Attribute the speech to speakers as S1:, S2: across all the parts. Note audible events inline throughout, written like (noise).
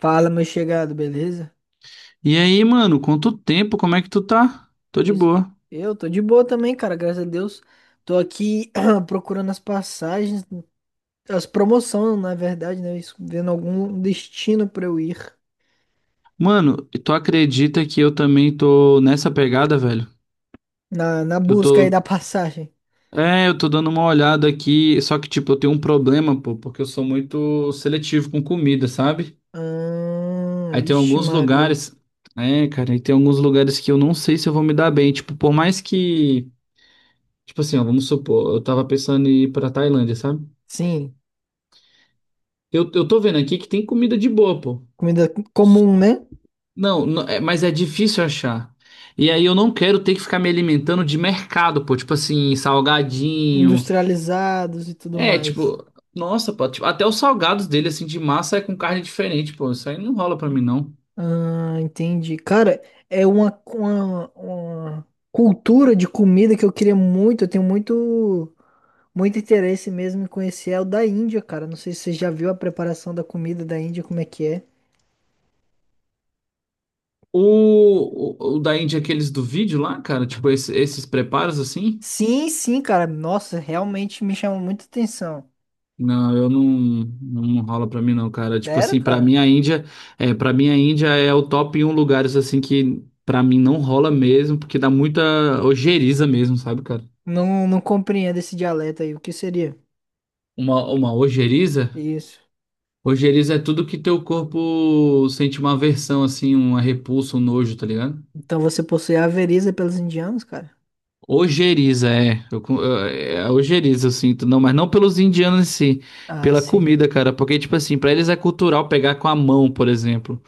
S1: Fala, meu chegado, beleza?
S2: E aí, mano, quanto tempo? Como é que tu tá? Tô de
S1: Pois
S2: boa.
S1: eu tô de boa também, cara, graças a Deus. Tô aqui (clears throat) procurando as passagens, as promoções, na verdade, né? Isso, vendo algum destino pra eu ir
S2: Mano, e tu acredita que eu também tô nessa pegada, velho?
S1: na
S2: Eu
S1: busca aí da
S2: tô.
S1: passagem.
S2: É, eu tô dando uma olhada aqui, só que, tipo, eu tenho um problema, pô, porque eu sou muito seletivo com comida, sabe?
S1: Ah,
S2: Aí tem
S1: vixe,
S2: alguns
S1: Maria.
S2: lugares. É, cara, aí tem alguns lugares que eu não sei se eu vou me dar bem. Tipo, por mais que. Tipo assim, ó, vamos supor, eu tava pensando em ir pra Tailândia, sabe?
S1: Sim,
S2: Eu tô vendo aqui que tem comida de boa, pô.
S1: comida comum, né?
S2: Não, mas é difícil achar. E aí eu não quero ter que ficar me alimentando de mercado, pô, tipo assim, salgadinho.
S1: Industrializados e tudo
S2: É,
S1: mais.
S2: tipo, nossa, pô, tipo, até os salgados dele, assim, de massa é com carne diferente, pô. Isso aí não rola pra mim, não.
S1: Ah, entendi. Cara, é uma cultura de comida que eu queria muito. Eu tenho muito. Muito interesse mesmo em conhecer é o da Índia, cara. Não sei se você já viu a preparação da comida da Índia, como é que é.
S2: O da Índia, aqueles do vídeo lá, cara, tipo, esses preparos assim.
S1: Sim, sim, cara. Nossa, realmente me chama muita atenção.
S2: Não, eu não rola pra mim não, cara. Tipo
S1: Sério,
S2: assim, pra
S1: cara?
S2: mim a Índia, é, para mim a Índia é o top 1 lugares assim que pra mim não rola mesmo, porque dá muita ojeriza mesmo, sabe, cara?
S1: Não, não compreendo esse dialeto aí. O que seria?
S2: Uma ojeriza?
S1: Isso.
S2: Ojeriza é tudo que teu corpo sente uma aversão, assim, uma repulsa, um nojo, tá ligado?
S1: Então você possui a veriza pelos indianos, cara?
S2: Ojeriza, é. É ojeriza, eu sinto. Não, mas não pelos indianos em si.
S1: Ah,
S2: Pela
S1: sim.
S2: comida, cara. Porque, tipo assim, pra eles é cultural pegar com a mão, por exemplo.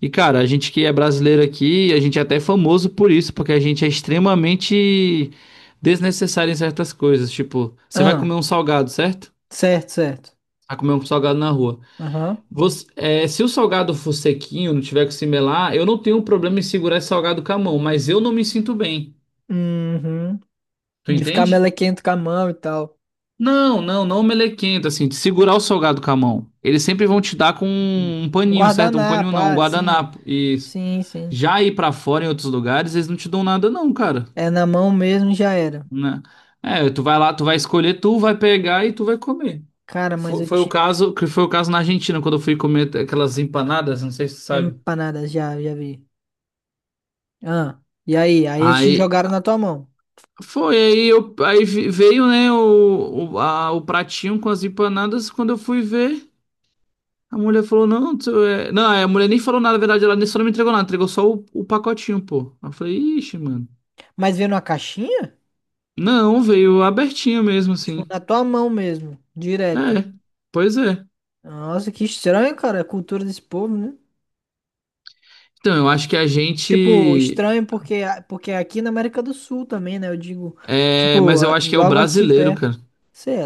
S2: E, cara, a gente que é brasileiro aqui, a gente é até famoso por isso, porque a gente é extremamente desnecessário em certas coisas. Tipo, você vai
S1: Ah,
S2: comer um salgado, certo?
S1: certo, certo.
S2: Vai comer um salgado na rua.
S1: Aham.
S2: Se o salgado for sequinho, não tiver que se melar, eu não tenho problema em segurar esse salgado com a mão, mas eu não me sinto bem.
S1: Uhum.
S2: Tu
S1: De ficar
S2: entende?
S1: melequento com a mão e tal.
S2: Não, não melequento, assim, de segurar o salgado com a mão. Eles sempre vão te dar com
S1: Um
S2: um paninho, certo? Um paninho
S1: guardanapo,
S2: não, um
S1: ah, sim.
S2: guardanapo. Isso.
S1: Sim, sim.
S2: Já ir pra fora em outros lugares, eles não te dão nada não, cara,
S1: É na mão mesmo e já era.
S2: né? É, tu vai lá, tu vai escolher, tu vai pegar e tu vai comer.
S1: Cara, mas
S2: Foi,
S1: eu,
S2: foi o
S1: te,
S2: caso, que foi o caso na Argentina, quando eu fui comer aquelas empanadas, não sei se tu sabe.
S1: Empanadas, já, já vi. Ah, e aí? Aí eles te
S2: Aí,
S1: jogaram na tua mão.
S2: Foi, aí, eu, aí vi- veio, né, o pratinho com as empanadas. Quando eu fui ver, a mulher falou, não, tu é... Não, a mulher nem falou nada, na verdade, ela nem só não me entregou nada, entregou só o pacotinho, pô. Aí eu falei, ixi, mano.
S1: Mas veio numa caixinha?
S2: Não, veio abertinho mesmo,
S1: Tipo,
S2: assim.
S1: na tua mão mesmo,
S2: É,
S1: direto.
S2: pois é.
S1: Nossa, que estranho, cara, a cultura desse povo, né?
S2: Então, eu acho que a
S1: Tipo,
S2: gente...
S1: estranho porque, porque aqui na América do Sul também, né? Eu digo,
S2: É,
S1: tipo,
S2: mas eu acho que é o
S1: logo aqui
S2: brasileiro,
S1: perto.
S2: cara.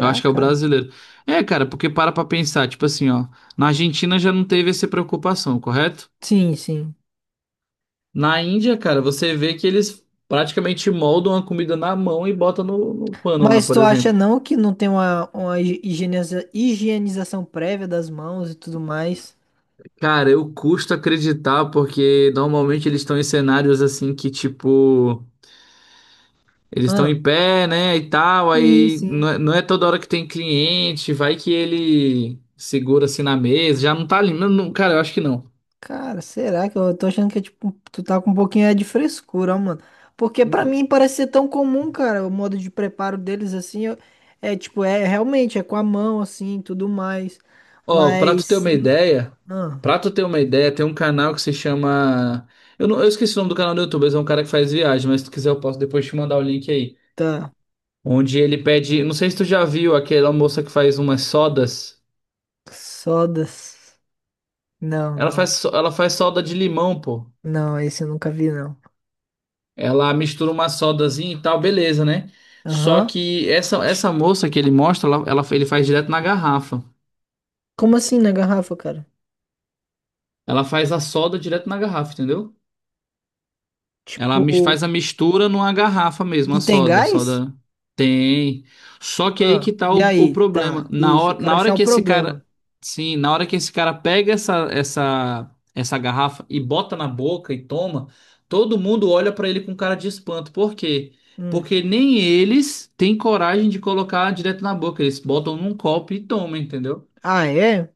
S2: Eu acho que é o
S1: cara?
S2: brasileiro. É, cara, porque para pra pensar, tipo assim, ó. Na Argentina já não teve essa preocupação, correto?
S1: Sim, sim.
S2: Na Índia, cara, você vê que eles praticamente moldam a comida na mão e botam no pano lá,
S1: Mas
S2: por
S1: tu acha
S2: exemplo.
S1: não que não tem uma, uma higienização prévia das mãos e tudo mais?
S2: Cara, eu custo acreditar porque normalmente eles estão em cenários assim que, tipo, eles estão
S1: Ah,
S2: em pé, né, e tal,
S1: sim,
S2: aí
S1: sim.
S2: não é toda hora que tem cliente, vai que ele segura assim na mesa, já não tá ali. Não, não, cara, eu acho que não.
S1: Cara, será que eu tô achando que é tipo, tu tá com um pouquinho é de frescura, ó, mano. Porque pra mim parece ser tão comum, cara, o modo de preparo deles assim, é tipo, é realmente é com a mão assim, tudo mais.
S2: Ó,
S1: Mas ah,
S2: pra tu ter uma ideia, tem um canal que se chama. Não, eu esqueci o nome do canal do YouTube, mas é um cara que faz viagem, mas se tu quiser eu posso depois te mandar o link aí.
S1: tá.
S2: Onde ele pede. Não sei se tu já viu aquela moça que faz umas sodas.
S1: Sodas. Não,
S2: Ela
S1: não.
S2: faz, so- ela faz soda de limão, pô.
S1: Não, esse eu nunca vi não.
S2: Ela mistura uma sodazinha e tal, beleza, né? Só
S1: Aham.
S2: que essa moça que ele mostra, ele faz direto na garrafa.
S1: Como assim na garrafa, cara?
S2: Ela faz a soda direto na garrafa, entendeu? Ela
S1: Tipo,
S2: faz a mistura numa garrafa mesmo,
S1: e
S2: a
S1: tem
S2: soda. A
S1: gás?
S2: soda tem. Só que aí
S1: Ah,
S2: que tá
S1: e
S2: o
S1: aí?
S2: problema.
S1: Tá.
S2: Na
S1: Isso, eu
S2: hora,
S1: quero
S2: na hora
S1: achar o
S2: que esse
S1: problema.
S2: cara. Sim, na hora que esse cara pega essa garrafa e bota na boca e toma, todo mundo olha pra ele com cara de espanto. Por quê?
S1: Hum.
S2: Porque nem eles têm coragem de colocar direto na boca. Eles botam num copo e tomam, entendeu?
S1: Ah, é?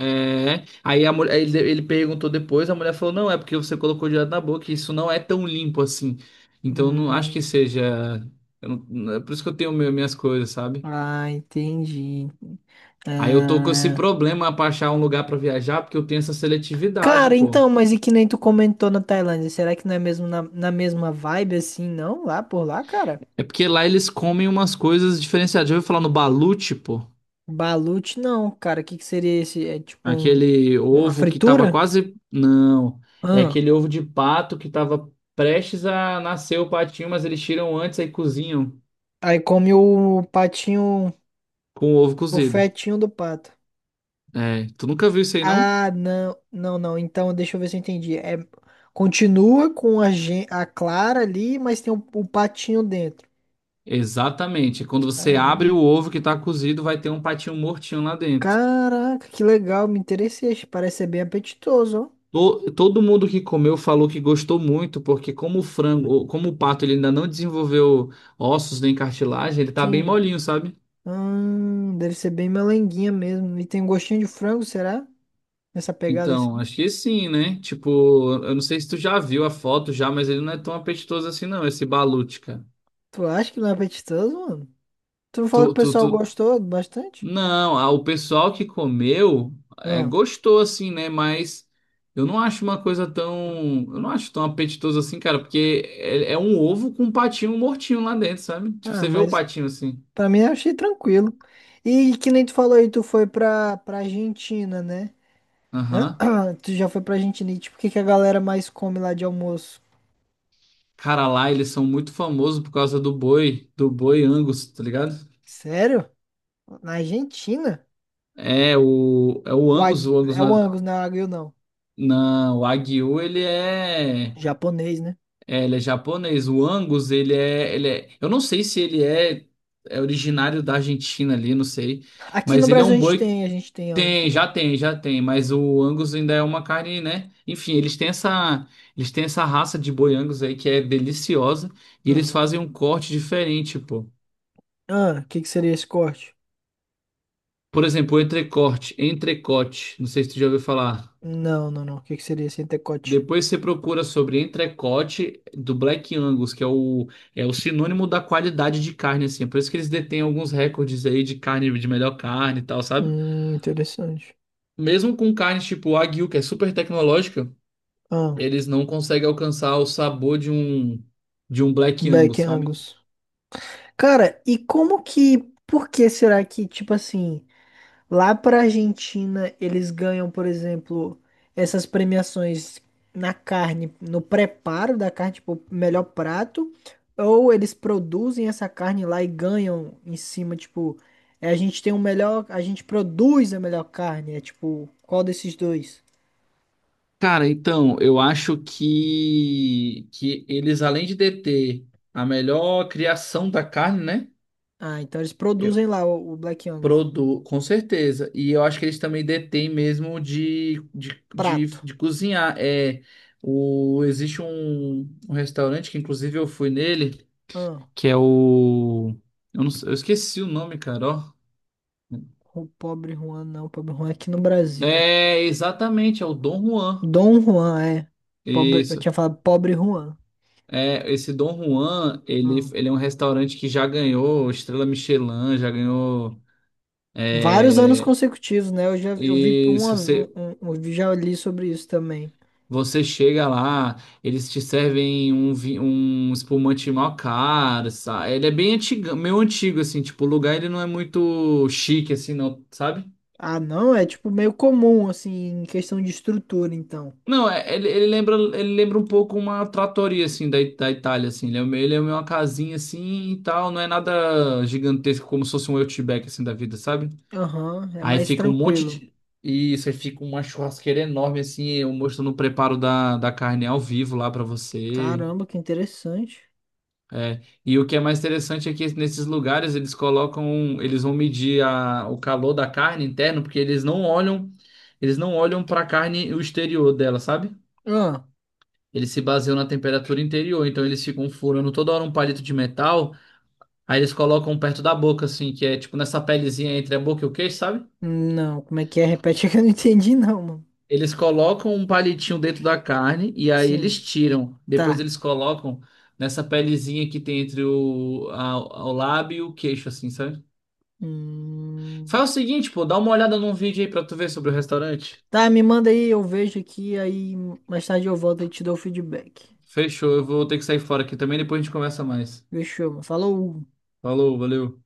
S2: É. Aí a mulher, ele perguntou depois, a mulher falou, não, é porque você colocou direto na boca, e isso não é tão limpo assim. Então eu não acho que
S1: Hum.
S2: seja. Eu não- é por isso que eu tenho minhas coisas, sabe?
S1: Ah, entendi.
S2: Aí eu tô com esse
S1: Ah,
S2: problema pra achar um lugar pra viajar, porque eu tenho essa seletividade,
S1: cara,
S2: pô.
S1: então, mas e que nem tu comentou na Tailândia, será que não é mesmo na mesma vibe assim, não? Lá por lá, cara?
S2: É porque lá eles comem umas coisas diferenciadas. Já ouviu falar no balut, pô?
S1: Balut não, cara. O que que seria esse? É tipo um,
S2: Aquele
S1: uma
S2: ovo que tava
S1: fritura?
S2: quase. Não. É
S1: Ah,
S2: aquele ovo de pato que tava prestes a nascer o patinho, mas eles tiram antes aí cozinham
S1: aí come o patinho,
S2: com o ovo
S1: o
S2: cozido.
S1: fetinho do pato.
S2: É, tu nunca viu isso aí, não?
S1: Ah, não, não, não. Então, deixa eu ver se eu entendi. É, continua com a clara ali, mas tem o patinho dentro.
S2: Exatamente. Quando você abre o ovo que tá cozido, vai ter um patinho mortinho lá dentro.
S1: Caraca, que legal, me interessei. Acho que Parece ser bem apetitoso, ó.
S2: Todo mundo que comeu falou que gostou muito, porque como o frango, como o pato, ele ainda não desenvolveu ossos nem cartilagem, ele tá bem
S1: Sim.
S2: molinho, sabe?
S1: Deve ser bem melenguinha mesmo. E tem um gostinho de frango, será? Nessa pegada
S2: Então,
S1: assim.
S2: acho que sim, né? Tipo, eu não sei se tu já viu a foto já, mas ele não é tão apetitoso assim, não, esse balute, cara.
S1: Tu acha que não é apetitoso, mano? Tu não falou que
S2: Tu,
S1: o
S2: tu, tu,
S1: pessoal gostou bastante?
S2: Não, ah, o pessoal que comeu
S1: Ah,
S2: gostou assim, né? Mas eu não acho uma coisa tão. Eu não acho tão apetitoso assim, cara, porque é um ovo com um patinho mortinho lá dentro, sabe? Tipo, você vê o
S1: mas
S2: patinho assim.
S1: pra mim eu achei tranquilo. E que nem tu falou aí, tu foi pra Argentina, né?
S2: Aham.
S1: (clears throat) Tu já foi pra Argentina e tipo, o que que a galera mais come lá de almoço?
S2: Cara, lá eles são muito famosos por causa do boi, Angus, tá ligado?
S1: Sério? Na Argentina?
S2: É o Angus, o Angus
S1: É o Angus, não é o Wagyu, não.
S2: o Wagyu, ele é.
S1: Japonês, né?
S2: É, ele é japonês. O Angus, ele é. Eu não sei se ele é originário da Argentina ali, não sei.
S1: Aqui no
S2: Mas ele é
S1: Brasil
S2: um boi.
S1: a gente tem Angus
S2: Tem, já
S1: também.
S2: tem, já tem. Mas o Angus ainda é uma carne, né? Enfim, eles têm essa raça de boi Angus aí que é deliciosa. E eles
S1: Aham.
S2: fazem um corte diferente, pô.
S1: Ah, o que que seria esse corte?
S2: Por exemplo, o entrecote. Não sei se tu já ouviu falar.
S1: Não, não, não. O que que seria esse antecote?
S2: Depois você procura sobre entrecote do Black Angus, que é o sinônimo da qualidade de carne, assim. É, por isso que eles detêm alguns recordes aí de carne, de melhor carne e tal, sabe?
S1: Interessante.
S2: Mesmo com carnes tipo Wagyu, que é super tecnológica,
S1: Ah,
S2: eles não conseguem alcançar o sabor de um Black
S1: Beck
S2: Angus, sabe?
S1: Angus. Cara, e como que. Por que será que, tipo assim. Lá para Argentina, eles ganham, por exemplo, essas premiações na carne, no preparo da carne, tipo, melhor prato, ou eles produzem essa carne lá e ganham em cima, tipo, é, a gente tem o melhor, a gente produz a melhor carne, é tipo, qual desses dois?
S2: Cara, então, eu acho que eles, além de deter a melhor criação da carne, né?
S1: Ah, então eles produzem lá o Black Angus.
S2: Com certeza. E eu acho que eles também detêm mesmo
S1: Prato.
S2: de cozinhar. Existe um restaurante que, inclusive, eu fui nele,
S1: Ah,
S2: que é o. Eu, não sei- Eu esqueci o nome, cara. Ó.
S1: o pobre Juan, não, o pobre Juan é aqui no Brasil.
S2: É, exatamente, é o Dom Juan.
S1: Dom Juan, é. Pobre, eu
S2: Isso.
S1: tinha falado pobre Juan.
S2: É, esse Dom Juan,
S1: Ah.
S2: ele é um restaurante que já ganhou Estrela Michelin, já ganhou.
S1: Vários anos
S2: É,
S1: consecutivos, né? Eu já eu vi uma,
S2: isso.
S1: um- eu já li sobre isso também.
S2: Você chega lá, eles te servem um espumante mó caro, sabe? Ele é bem antigo, meio antigo, assim, tipo, o lugar ele não é muito chique, assim, não, sabe?
S1: Ah, não, é tipo meio comum, assim, em questão de estrutura, então.
S2: Não, ele lembra um pouco uma trattoria, assim, da Itália, assim. Ele é meio uma casinha, assim, e tal. Não é nada gigantesco, como se fosse um Outback, assim, da vida, sabe?
S1: Aham, é
S2: Aí
S1: mais
S2: fica um monte
S1: tranquilo.
S2: de... Isso, aí fica uma churrasqueira enorme, assim, eu mostrando o preparo da carne ao vivo lá pra você.
S1: Caramba, que interessante.
S2: É, e o que é mais interessante é que nesses lugares eles colocam, um, eles vão medir o calor da carne interno, porque eles não olham para a carne o exterior dela, sabe?
S1: Ah,
S2: Eles se baseiam na temperatura interior, então eles ficam furando toda hora um palito de metal, aí eles colocam perto da boca, assim, que é tipo nessa pelezinha entre a boca e o queixo, sabe?
S1: não, como é que é? Repete (laughs) que eu não entendi, não, mano.
S2: Eles colocam um palitinho dentro da carne e aí eles
S1: Sim,
S2: tiram. Depois
S1: tá.
S2: eles colocam nessa pelezinha que tem entre o lábio e o queixo, assim, sabe?
S1: Hum,
S2: Faz o seguinte, pô, dá uma olhada num vídeo aí pra tu ver sobre o restaurante.
S1: tá, me manda aí, eu vejo aqui, aí mais tarde eu volto e te dou o feedback.
S2: Fechou, eu vou ter que sair fora aqui também, depois a gente conversa mais.
S1: Fechou, mano. Falou!
S2: Falou, valeu.